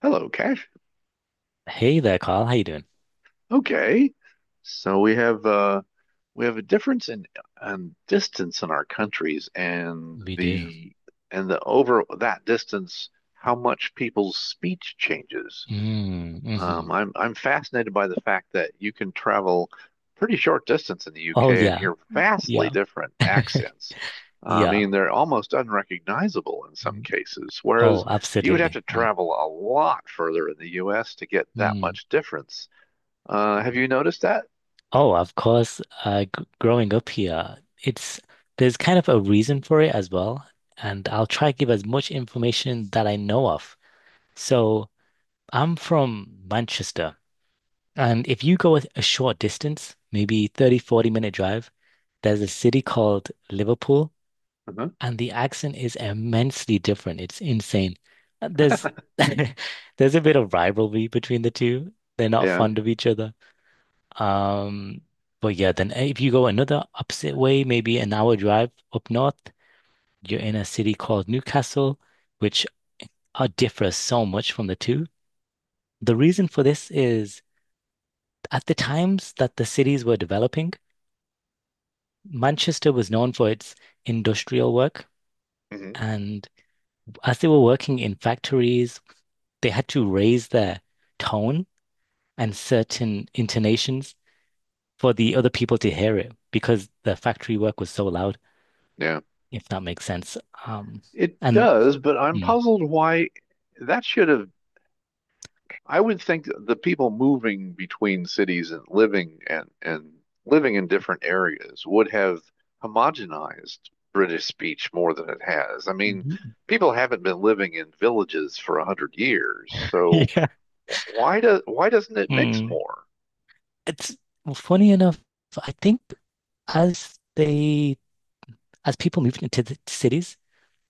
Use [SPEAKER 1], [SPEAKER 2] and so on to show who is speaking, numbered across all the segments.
[SPEAKER 1] Hello, Cash.
[SPEAKER 2] Hey there, Carl. How you doing?
[SPEAKER 1] Okay. So we have a difference in on distance in our countries
[SPEAKER 2] We do.
[SPEAKER 1] and the over that distance, how much people's speech changes.
[SPEAKER 2] Mm, hmm
[SPEAKER 1] I'm fascinated by the fact that you can travel pretty short distance in the
[SPEAKER 2] Oh
[SPEAKER 1] UK and
[SPEAKER 2] yeah,
[SPEAKER 1] hear vastly
[SPEAKER 2] yeah,
[SPEAKER 1] different accents. I
[SPEAKER 2] yeah.
[SPEAKER 1] mean, they're almost unrecognizable in some
[SPEAKER 2] Mm.
[SPEAKER 1] cases, whereas
[SPEAKER 2] Oh,
[SPEAKER 1] you would have to
[SPEAKER 2] absolutely.
[SPEAKER 1] travel a lot further in the US to get that
[SPEAKER 2] Mm,
[SPEAKER 1] much difference. Have
[SPEAKER 2] mm.
[SPEAKER 1] you noticed that?
[SPEAKER 2] Oh, of course. G Growing up here, it's there's kind of a reason for it as well, and I'll try to give as much information that I know of. So I'm from Manchester, and if you go a short distance, maybe 30-40 minute drive, there's a city called Liverpool.
[SPEAKER 1] Uh-huh.
[SPEAKER 2] And the accent is immensely different. It's insane. There's there's a bit of rivalry between the two. They're not
[SPEAKER 1] Yeah.
[SPEAKER 2] fond of each other. Um, but yeah, then if you go another opposite way, maybe an hour drive up north, you're in a city called Newcastle, which differs so much from the two. The reason for this is at the times that the cities were developing, Manchester was known for its industrial work.
[SPEAKER 1] Hmm.
[SPEAKER 2] And as they were working in factories, they had to raise their tone and certain intonations for the other people to hear it because the factory work was so loud,
[SPEAKER 1] Yeah.
[SPEAKER 2] if that makes sense. Um,
[SPEAKER 1] It
[SPEAKER 2] and
[SPEAKER 1] does, but I'm
[SPEAKER 2] mm.
[SPEAKER 1] puzzled why that should have I would think that the people moving between cities and living and living in different areas would have homogenized British speech more than it has. I mean, people haven't been living in villages for a hundred years, so
[SPEAKER 2] yeah.
[SPEAKER 1] why doesn't it mix
[SPEAKER 2] Mm.
[SPEAKER 1] more?
[SPEAKER 2] It's funny enough. I think as they as people moved into the cities,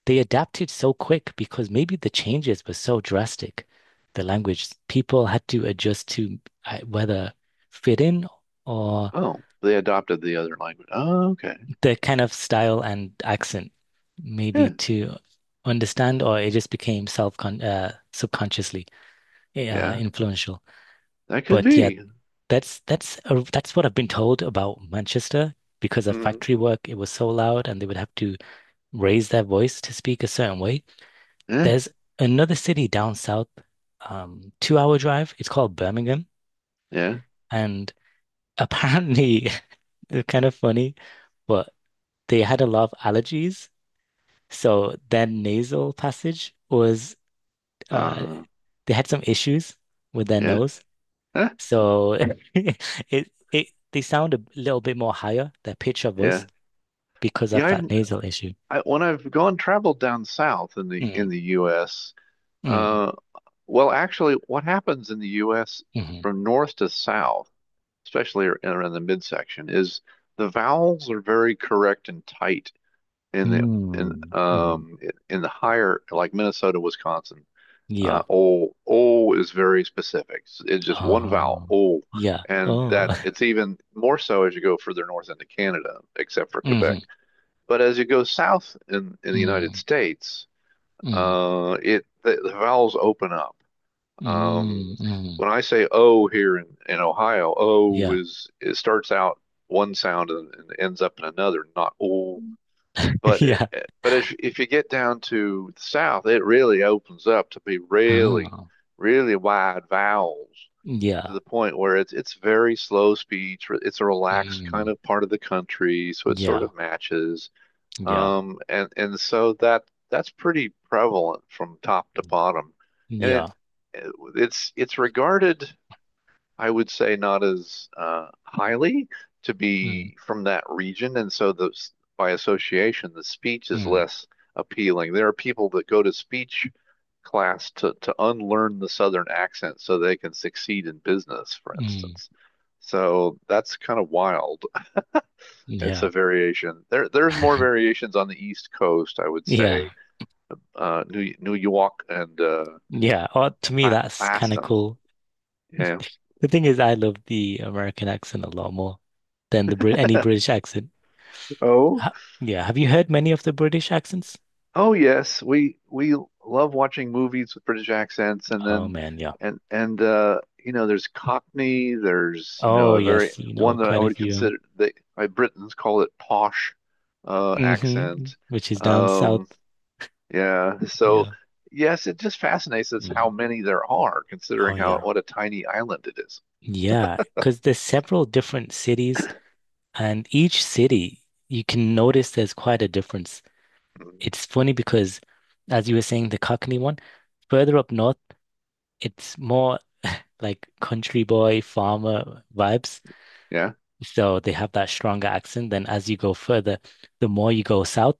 [SPEAKER 2] they adapted so quick because maybe the changes were so drastic. The language people had to adjust to, whether fit in or
[SPEAKER 1] Oh, they adopted the other language. Oh, okay.
[SPEAKER 2] the kind of style and accent,
[SPEAKER 1] Yeah,
[SPEAKER 2] maybe to understand, or it just became self-con subconsciously
[SPEAKER 1] yeah,
[SPEAKER 2] influential.
[SPEAKER 1] that could
[SPEAKER 2] But yeah,
[SPEAKER 1] be.
[SPEAKER 2] that's what I've been told about Manchester because of
[SPEAKER 1] Mm,
[SPEAKER 2] factory work. It was so loud, and they would have to raise their voice to speak a certain way.
[SPEAKER 1] yeah,
[SPEAKER 2] There's another city down south, two-hour drive. It's called Birmingham,
[SPEAKER 1] yeah,
[SPEAKER 2] and apparently, they're kind of funny, but they had a lot of allergies. So their nasal passage was uh
[SPEAKER 1] uh,
[SPEAKER 2] they had some issues with their
[SPEAKER 1] yeah,
[SPEAKER 2] nose.
[SPEAKER 1] eh,
[SPEAKER 2] So it they sound a little bit more higher, their pitch of
[SPEAKER 1] yeah,
[SPEAKER 2] voice, because of
[SPEAKER 1] yeah.
[SPEAKER 2] that nasal issue.
[SPEAKER 1] I, when I've gone traveled down south in
[SPEAKER 2] Mm,
[SPEAKER 1] the U.S.
[SPEAKER 2] mm,
[SPEAKER 1] Uh, well, actually, what happens in the U.S.
[SPEAKER 2] mm,
[SPEAKER 1] from north to south, especially around the midsection, is the vowels are very correct and tight in the
[SPEAKER 2] mm.
[SPEAKER 1] in the higher like Minnesota, Wisconsin.
[SPEAKER 2] Yeah.
[SPEAKER 1] O o is very specific. It's just one vowel,
[SPEAKER 2] Oh,
[SPEAKER 1] o,
[SPEAKER 2] yeah.
[SPEAKER 1] and
[SPEAKER 2] Oh.
[SPEAKER 1] that it's even more so as you go further north into Canada, except for Quebec.
[SPEAKER 2] hmm
[SPEAKER 1] But as you go south in the United
[SPEAKER 2] mm,
[SPEAKER 1] States,
[SPEAKER 2] mm,
[SPEAKER 1] it the vowels open up. Um,
[SPEAKER 2] mm, mm.
[SPEAKER 1] when I say O here in Ohio, O
[SPEAKER 2] Yeah.
[SPEAKER 1] is it starts out one sound and ends up in another, not O. But
[SPEAKER 2] Yeah.
[SPEAKER 1] but if you get down to the south, it really opens up to be really,
[SPEAKER 2] Oh.
[SPEAKER 1] really wide vowels to
[SPEAKER 2] Yeah.
[SPEAKER 1] the point where it's very slow speech. It's a relaxed kind
[SPEAKER 2] Mm.
[SPEAKER 1] of part of the country, so it sort
[SPEAKER 2] Yeah.
[SPEAKER 1] of matches.
[SPEAKER 2] Yeah.
[SPEAKER 1] And so that's pretty prevalent from top to bottom, and
[SPEAKER 2] Yeah.
[SPEAKER 1] it's regarded, I would say, not as highly to
[SPEAKER 2] Mm.
[SPEAKER 1] be from that region, and so the by association, the speech is
[SPEAKER 2] Mm.
[SPEAKER 1] less appealing. There are people that go to speech class to unlearn the Southern accent so they can succeed in business, for
[SPEAKER 2] Mm,
[SPEAKER 1] instance. So that's kind of wild. It's a
[SPEAKER 2] yeah.
[SPEAKER 1] variation. There, there's more variations on the East Coast, I would
[SPEAKER 2] Yeah.
[SPEAKER 1] say. New New York
[SPEAKER 2] Yeah. Oh, to
[SPEAKER 1] and
[SPEAKER 2] me,
[SPEAKER 1] ba
[SPEAKER 2] that's kind of
[SPEAKER 1] Boston.
[SPEAKER 2] cool.
[SPEAKER 1] Yeah.
[SPEAKER 2] The thing is, I love the American accent a lot more than the Brit any British accent.
[SPEAKER 1] Oh,
[SPEAKER 2] Ha yeah. Have you heard many of the British accents?
[SPEAKER 1] oh yes, we love watching movies with British accents, and
[SPEAKER 2] Oh,
[SPEAKER 1] then
[SPEAKER 2] man. Yeah.
[SPEAKER 1] and you know, there's Cockney. There's you know
[SPEAKER 2] Oh,
[SPEAKER 1] a very
[SPEAKER 2] yes. You
[SPEAKER 1] one
[SPEAKER 2] know,
[SPEAKER 1] that I
[SPEAKER 2] quite a
[SPEAKER 1] would
[SPEAKER 2] few.
[SPEAKER 1] consider they my Britons call it posh
[SPEAKER 2] Hmm.
[SPEAKER 1] accent.
[SPEAKER 2] Which is down
[SPEAKER 1] Um,
[SPEAKER 2] south.
[SPEAKER 1] Yeah. So,
[SPEAKER 2] Yeah.
[SPEAKER 1] yes, it just fascinates us how
[SPEAKER 2] Mm.
[SPEAKER 1] many there are,
[SPEAKER 2] Oh,
[SPEAKER 1] considering how
[SPEAKER 2] yeah.
[SPEAKER 1] what a tiny island it is.
[SPEAKER 2] Yeah. Because there's several different cities, and each city, you can notice there's quite a difference.
[SPEAKER 1] Mhm.
[SPEAKER 2] It's funny because, as you were saying, the Cockney one, further up north, it's more like country boy, farmer vibes.
[SPEAKER 1] Yeah.
[SPEAKER 2] So they have that stronger accent. Then as you go further, the more you go south,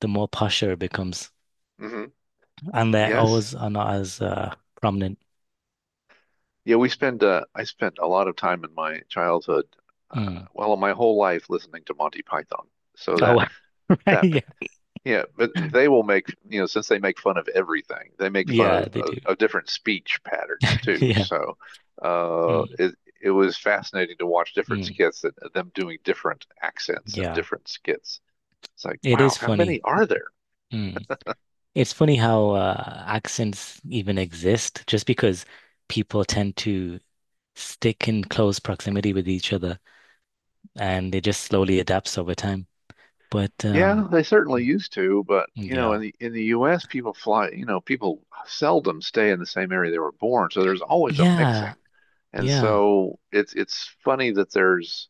[SPEAKER 2] the more posher it becomes.
[SPEAKER 1] Hmm.
[SPEAKER 2] And their
[SPEAKER 1] Yes.
[SPEAKER 2] O's are not as prominent.
[SPEAKER 1] Yeah, we spend I spent a lot of time in my childhood,
[SPEAKER 2] Mm.
[SPEAKER 1] my whole life listening to Monty Python. So that
[SPEAKER 2] Oh, right.
[SPEAKER 1] that
[SPEAKER 2] Yeah.
[SPEAKER 1] but yeah, but they will make, you know, since they make fun of everything, they make fun
[SPEAKER 2] Yeah,
[SPEAKER 1] of
[SPEAKER 2] they do.
[SPEAKER 1] of different speech patterns too.
[SPEAKER 2] Yeah.
[SPEAKER 1] So, uh
[SPEAKER 2] Mm,
[SPEAKER 1] it it was fascinating to watch different
[SPEAKER 2] mm,
[SPEAKER 1] skits that them doing different accents and
[SPEAKER 2] yeah.
[SPEAKER 1] different skits. It's like,
[SPEAKER 2] It
[SPEAKER 1] wow,
[SPEAKER 2] is
[SPEAKER 1] how
[SPEAKER 2] funny.
[SPEAKER 1] many are there?
[SPEAKER 2] Mm. It's funny how accents even exist just because people tend to stick in close proximity with each other, and it just slowly adapts over time. But
[SPEAKER 1] Yeah, they certainly used to, but you know,
[SPEAKER 2] yeah,
[SPEAKER 1] in the U.S., people fly, you know, people seldom stay in the same area they were born, so there's always a
[SPEAKER 2] yeah,
[SPEAKER 1] mixing. And
[SPEAKER 2] yeah.
[SPEAKER 1] so it's funny that there's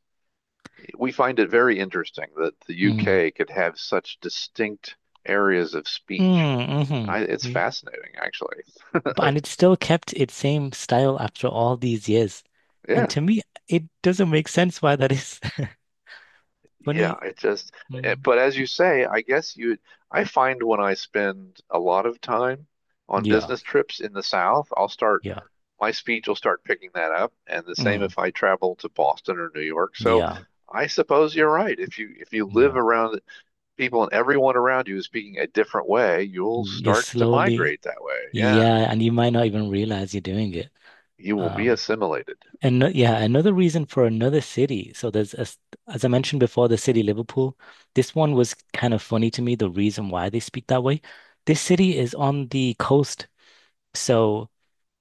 [SPEAKER 1] we find it very interesting that the
[SPEAKER 2] Mm.
[SPEAKER 1] UK could have such distinct areas of speech.
[SPEAKER 2] Mm,
[SPEAKER 1] It's
[SPEAKER 2] hmm
[SPEAKER 1] fascinating, actually.
[SPEAKER 2] And it still kept its same style after all these years. And
[SPEAKER 1] Yeah.
[SPEAKER 2] to me, it doesn't make sense why that is
[SPEAKER 1] Yeah,
[SPEAKER 2] funny.
[SPEAKER 1] it just,
[SPEAKER 2] Mm.
[SPEAKER 1] but as you say, I find when I spend a lot of time on
[SPEAKER 2] Yeah,
[SPEAKER 1] business trips in the South,
[SPEAKER 2] yeah,
[SPEAKER 1] my speech will start picking that up. And the same
[SPEAKER 2] mm.
[SPEAKER 1] if I travel to Boston or New York. So
[SPEAKER 2] Yeah,
[SPEAKER 1] I suppose you're right. If you live
[SPEAKER 2] yeah.
[SPEAKER 1] around people and everyone around you is speaking a different way, you'll
[SPEAKER 2] You
[SPEAKER 1] start to
[SPEAKER 2] slowly,
[SPEAKER 1] migrate that way. Yeah.
[SPEAKER 2] yeah, and you might not even realize you're doing it.
[SPEAKER 1] You will be
[SPEAKER 2] Um,
[SPEAKER 1] assimilated.
[SPEAKER 2] And yeah, another reason for another city. So there's, as I mentioned before, the city Liverpool. This one was kind of funny to me, the reason why they speak that way. This city is on the coast, so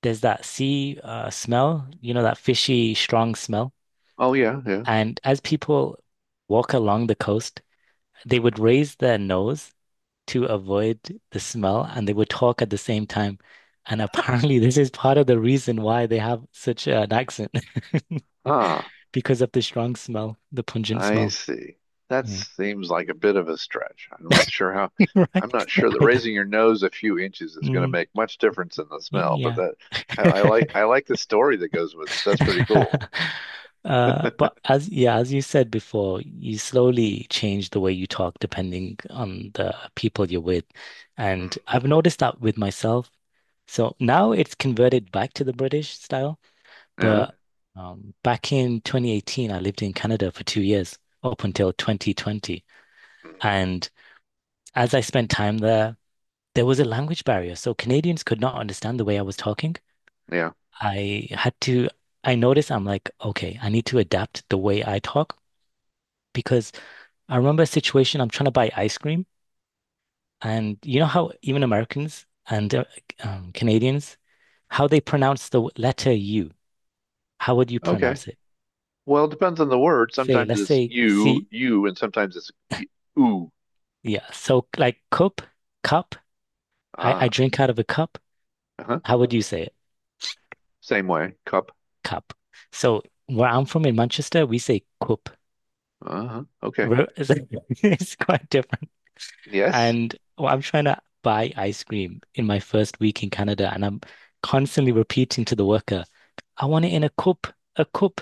[SPEAKER 2] there's that sea smell, that fishy, strong smell.
[SPEAKER 1] Oh, yeah. Yeah.
[SPEAKER 2] And as people walk along the coast, they would raise their nose to avoid the smell, and they would talk at the same time. And apparently, this is part of the reason why they have such an accent
[SPEAKER 1] Huh.
[SPEAKER 2] because of the strong smell, the pungent
[SPEAKER 1] I
[SPEAKER 2] smell.
[SPEAKER 1] see. That
[SPEAKER 2] Mm.
[SPEAKER 1] seems like a bit of a stretch. I'm
[SPEAKER 2] Right?
[SPEAKER 1] not sure that
[SPEAKER 2] I d-
[SPEAKER 1] raising your nose a few inches is going to
[SPEAKER 2] mm,
[SPEAKER 1] make much difference in the smell, but
[SPEAKER 2] yeah.
[SPEAKER 1] that I like the story that goes with it. That's pretty cool.
[SPEAKER 2] But as yeah, as you said before, you slowly change the way you talk depending on the people you're with. And
[SPEAKER 1] Hmm.
[SPEAKER 2] I've noticed that with myself. So now it's converted back to the British style.
[SPEAKER 1] Yeah.
[SPEAKER 2] But back in 2018, I lived in Canada for 2 years up until 2020.
[SPEAKER 1] Mhm.
[SPEAKER 2] And as I spent time there, there was a language barrier. So Canadians could not understand the way I was talking.
[SPEAKER 1] Yeah.
[SPEAKER 2] I had to, I noticed I'm like, okay, I need to adapt the way I talk because I remember a situation I'm trying to buy ice cream. And you know how even Americans and Canadians, how they pronounce the letter U, how would you
[SPEAKER 1] Okay.
[SPEAKER 2] pronounce it?
[SPEAKER 1] Well, it depends on the word.
[SPEAKER 2] Say,
[SPEAKER 1] Sometimes
[SPEAKER 2] let's
[SPEAKER 1] it's
[SPEAKER 2] say
[SPEAKER 1] you,
[SPEAKER 2] C,
[SPEAKER 1] you, and sometimes it's ooh.
[SPEAKER 2] yeah. So like cup. I
[SPEAKER 1] Ah.
[SPEAKER 2] drink out of a cup.
[SPEAKER 1] Uh-huh.
[SPEAKER 2] How would you say it?
[SPEAKER 1] Same way. Cup.
[SPEAKER 2] Cup. So where I'm from in Manchester, we say cup.
[SPEAKER 1] Uh-huh. Okay.
[SPEAKER 2] Where- It's like- it's quite different.
[SPEAKER 1] Yes.
[SPEAKER 2] And well, I'm trying to buy ice cream in my first week in Canada, and I'm constantly repeating to the worker, I want it in a a cup.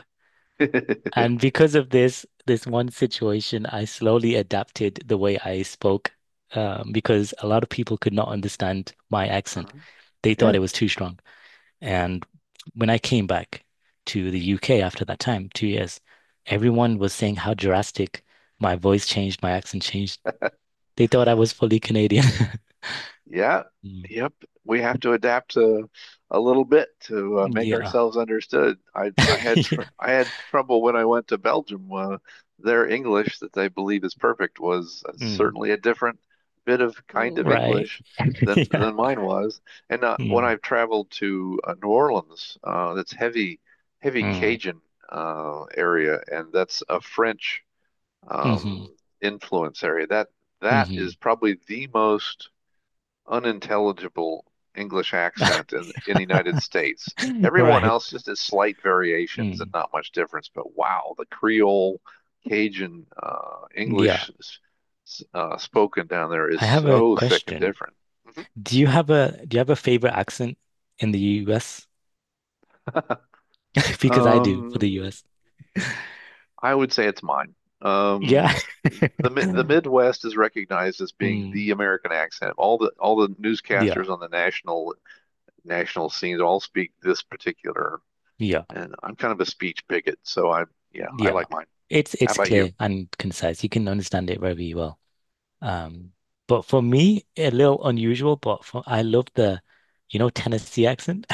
[SPEAKER 2] And because of this one situation, I slowly adapted the way I spoke, because a lot of people could not understand my accent.
[SPEAKER 1] Uh-huh.
[SPEAKER 2] They thought
[SPEAKER 1] Yeah.
[SPEAKER 2] it was too strong. And when I came back to the UK after that time, 2 years, everyone was saying how drastic my voice changed, my accent changed. They thought I was fully Canadian.
[SPEAKER 1] Yeah,
[SPEAKER 2] Mm.
[SPEAKER 1] yep. We have to adapt to a little bit to make
[SPEAKER 2] Yeah.
[SPEAKER 1] ourselves understood.
[SPEAKER 2] Yeah.
[SPEAKER 1] I had trouble when I went to Belgium. Their English that they believe is perfect was
[SPEAKER 2] Mm.
[SPEAKER 1] certainly a different bit of kind of
[SPEAKER 2] Right.
[SPEAKER 1] English
[SPEAKER 2] Yeah.
[SPEAKER 1] than mine was. And when
[SPEAKER 2] Mm.
[SPEAKER 1] I've traveled to New Orleans, that's heavy heavy
[SPEAKER 2] Mm.
[SPEAKER 1] Cajun area, and that's a French
[SPEAKER 2] Mm-hmm.
[SPEAKER 1] um, influence area. That
[SPEAKER 2] Mm-hmm.
[SPEAKER 1] is probably the most unintelligible English accent in the United States. Everyone
[SPEAKER 2] Right.
[SPEAKER 1] else just has slight variations and
[SPEAKER 2] Mm.
[SPEAKER 1] not much difference. But wow, the Creole, Cajun,
[SPEAKER 2] Yeah.
[SPEAKER 1] English spoken down there is
[SPEAKER 2] I have a
[SPEAKER 1] so thick and
[SPEAKER 2] question.
[SPEAKER 1] different.
[SPEAKER 2] Do you have a favorite accent in the US? Because I do for the
[SPEAKER 1] Um,
[SPEAKER 2] US.
[SPEAKER 1] I would say it's mine. Um,
[SPEAKER 2] Yeah.
[SPEAKER 1] the Midwest is recognized as being
[SPEAKER 2] Mm.
[SPEAKER 1] the American accent. All the
[SPEAKER 2] Yeah.
[SPEAKER 1] newscasters on the national national scenes all speak this particular.
[SPEAKER 2] Yeah,
[SPEAKER 1] And I'm kind of a speech bigot, so I am yeah, I
[SPEAKER 2] yeah.
[SPEAKER 1] like mine. How
[SPEAKER 2] It's
[SPEAKER 1] about you?
[SPEAKER 2] clear and concise. You can understand it very well. Um, but for me, a little unusual, but for I love the, you know, Tennessee accent,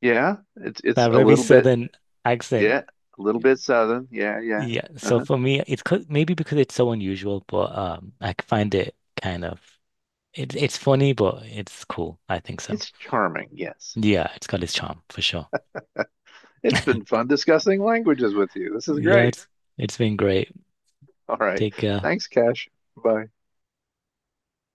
[SPEAKER 1] Yeah, it's it's
[SPEAKER 2] that
[SPEAKER 1] a
[SPEAKER 2] very
[SPEAKER 1] little bit
[SPEAKER 2] southern accent.
[SPEAKER 1] yeah, a little
[SPEAKER 2] Yeah.
[SPEAKER 1] bit southern. Yeah, yeah.
[SPEAKER 2] Yeah. So
[SPEAKER 1] Uh-huh.
[SPEAKER 2] for me, it's 'cause- maybe because it's so unusual, but I find it kind of it's funny, but it's cool. I think so.
[SPEAKER 1] It's charming, yes.
[SPEAKER 2] Yeah, it's got its charm for sure.
[SPEAKER 1] It's been fun discussing languages with you. This is
[SPEAKER 2] Yeah,
[SPEAKER 1] great.
[SPEAKER 2] it's been great.
[SPEAKER 1] All right.
[SPEAKER 2] Take care.
[SPEAKER 1] Thanks, Cash. Bye.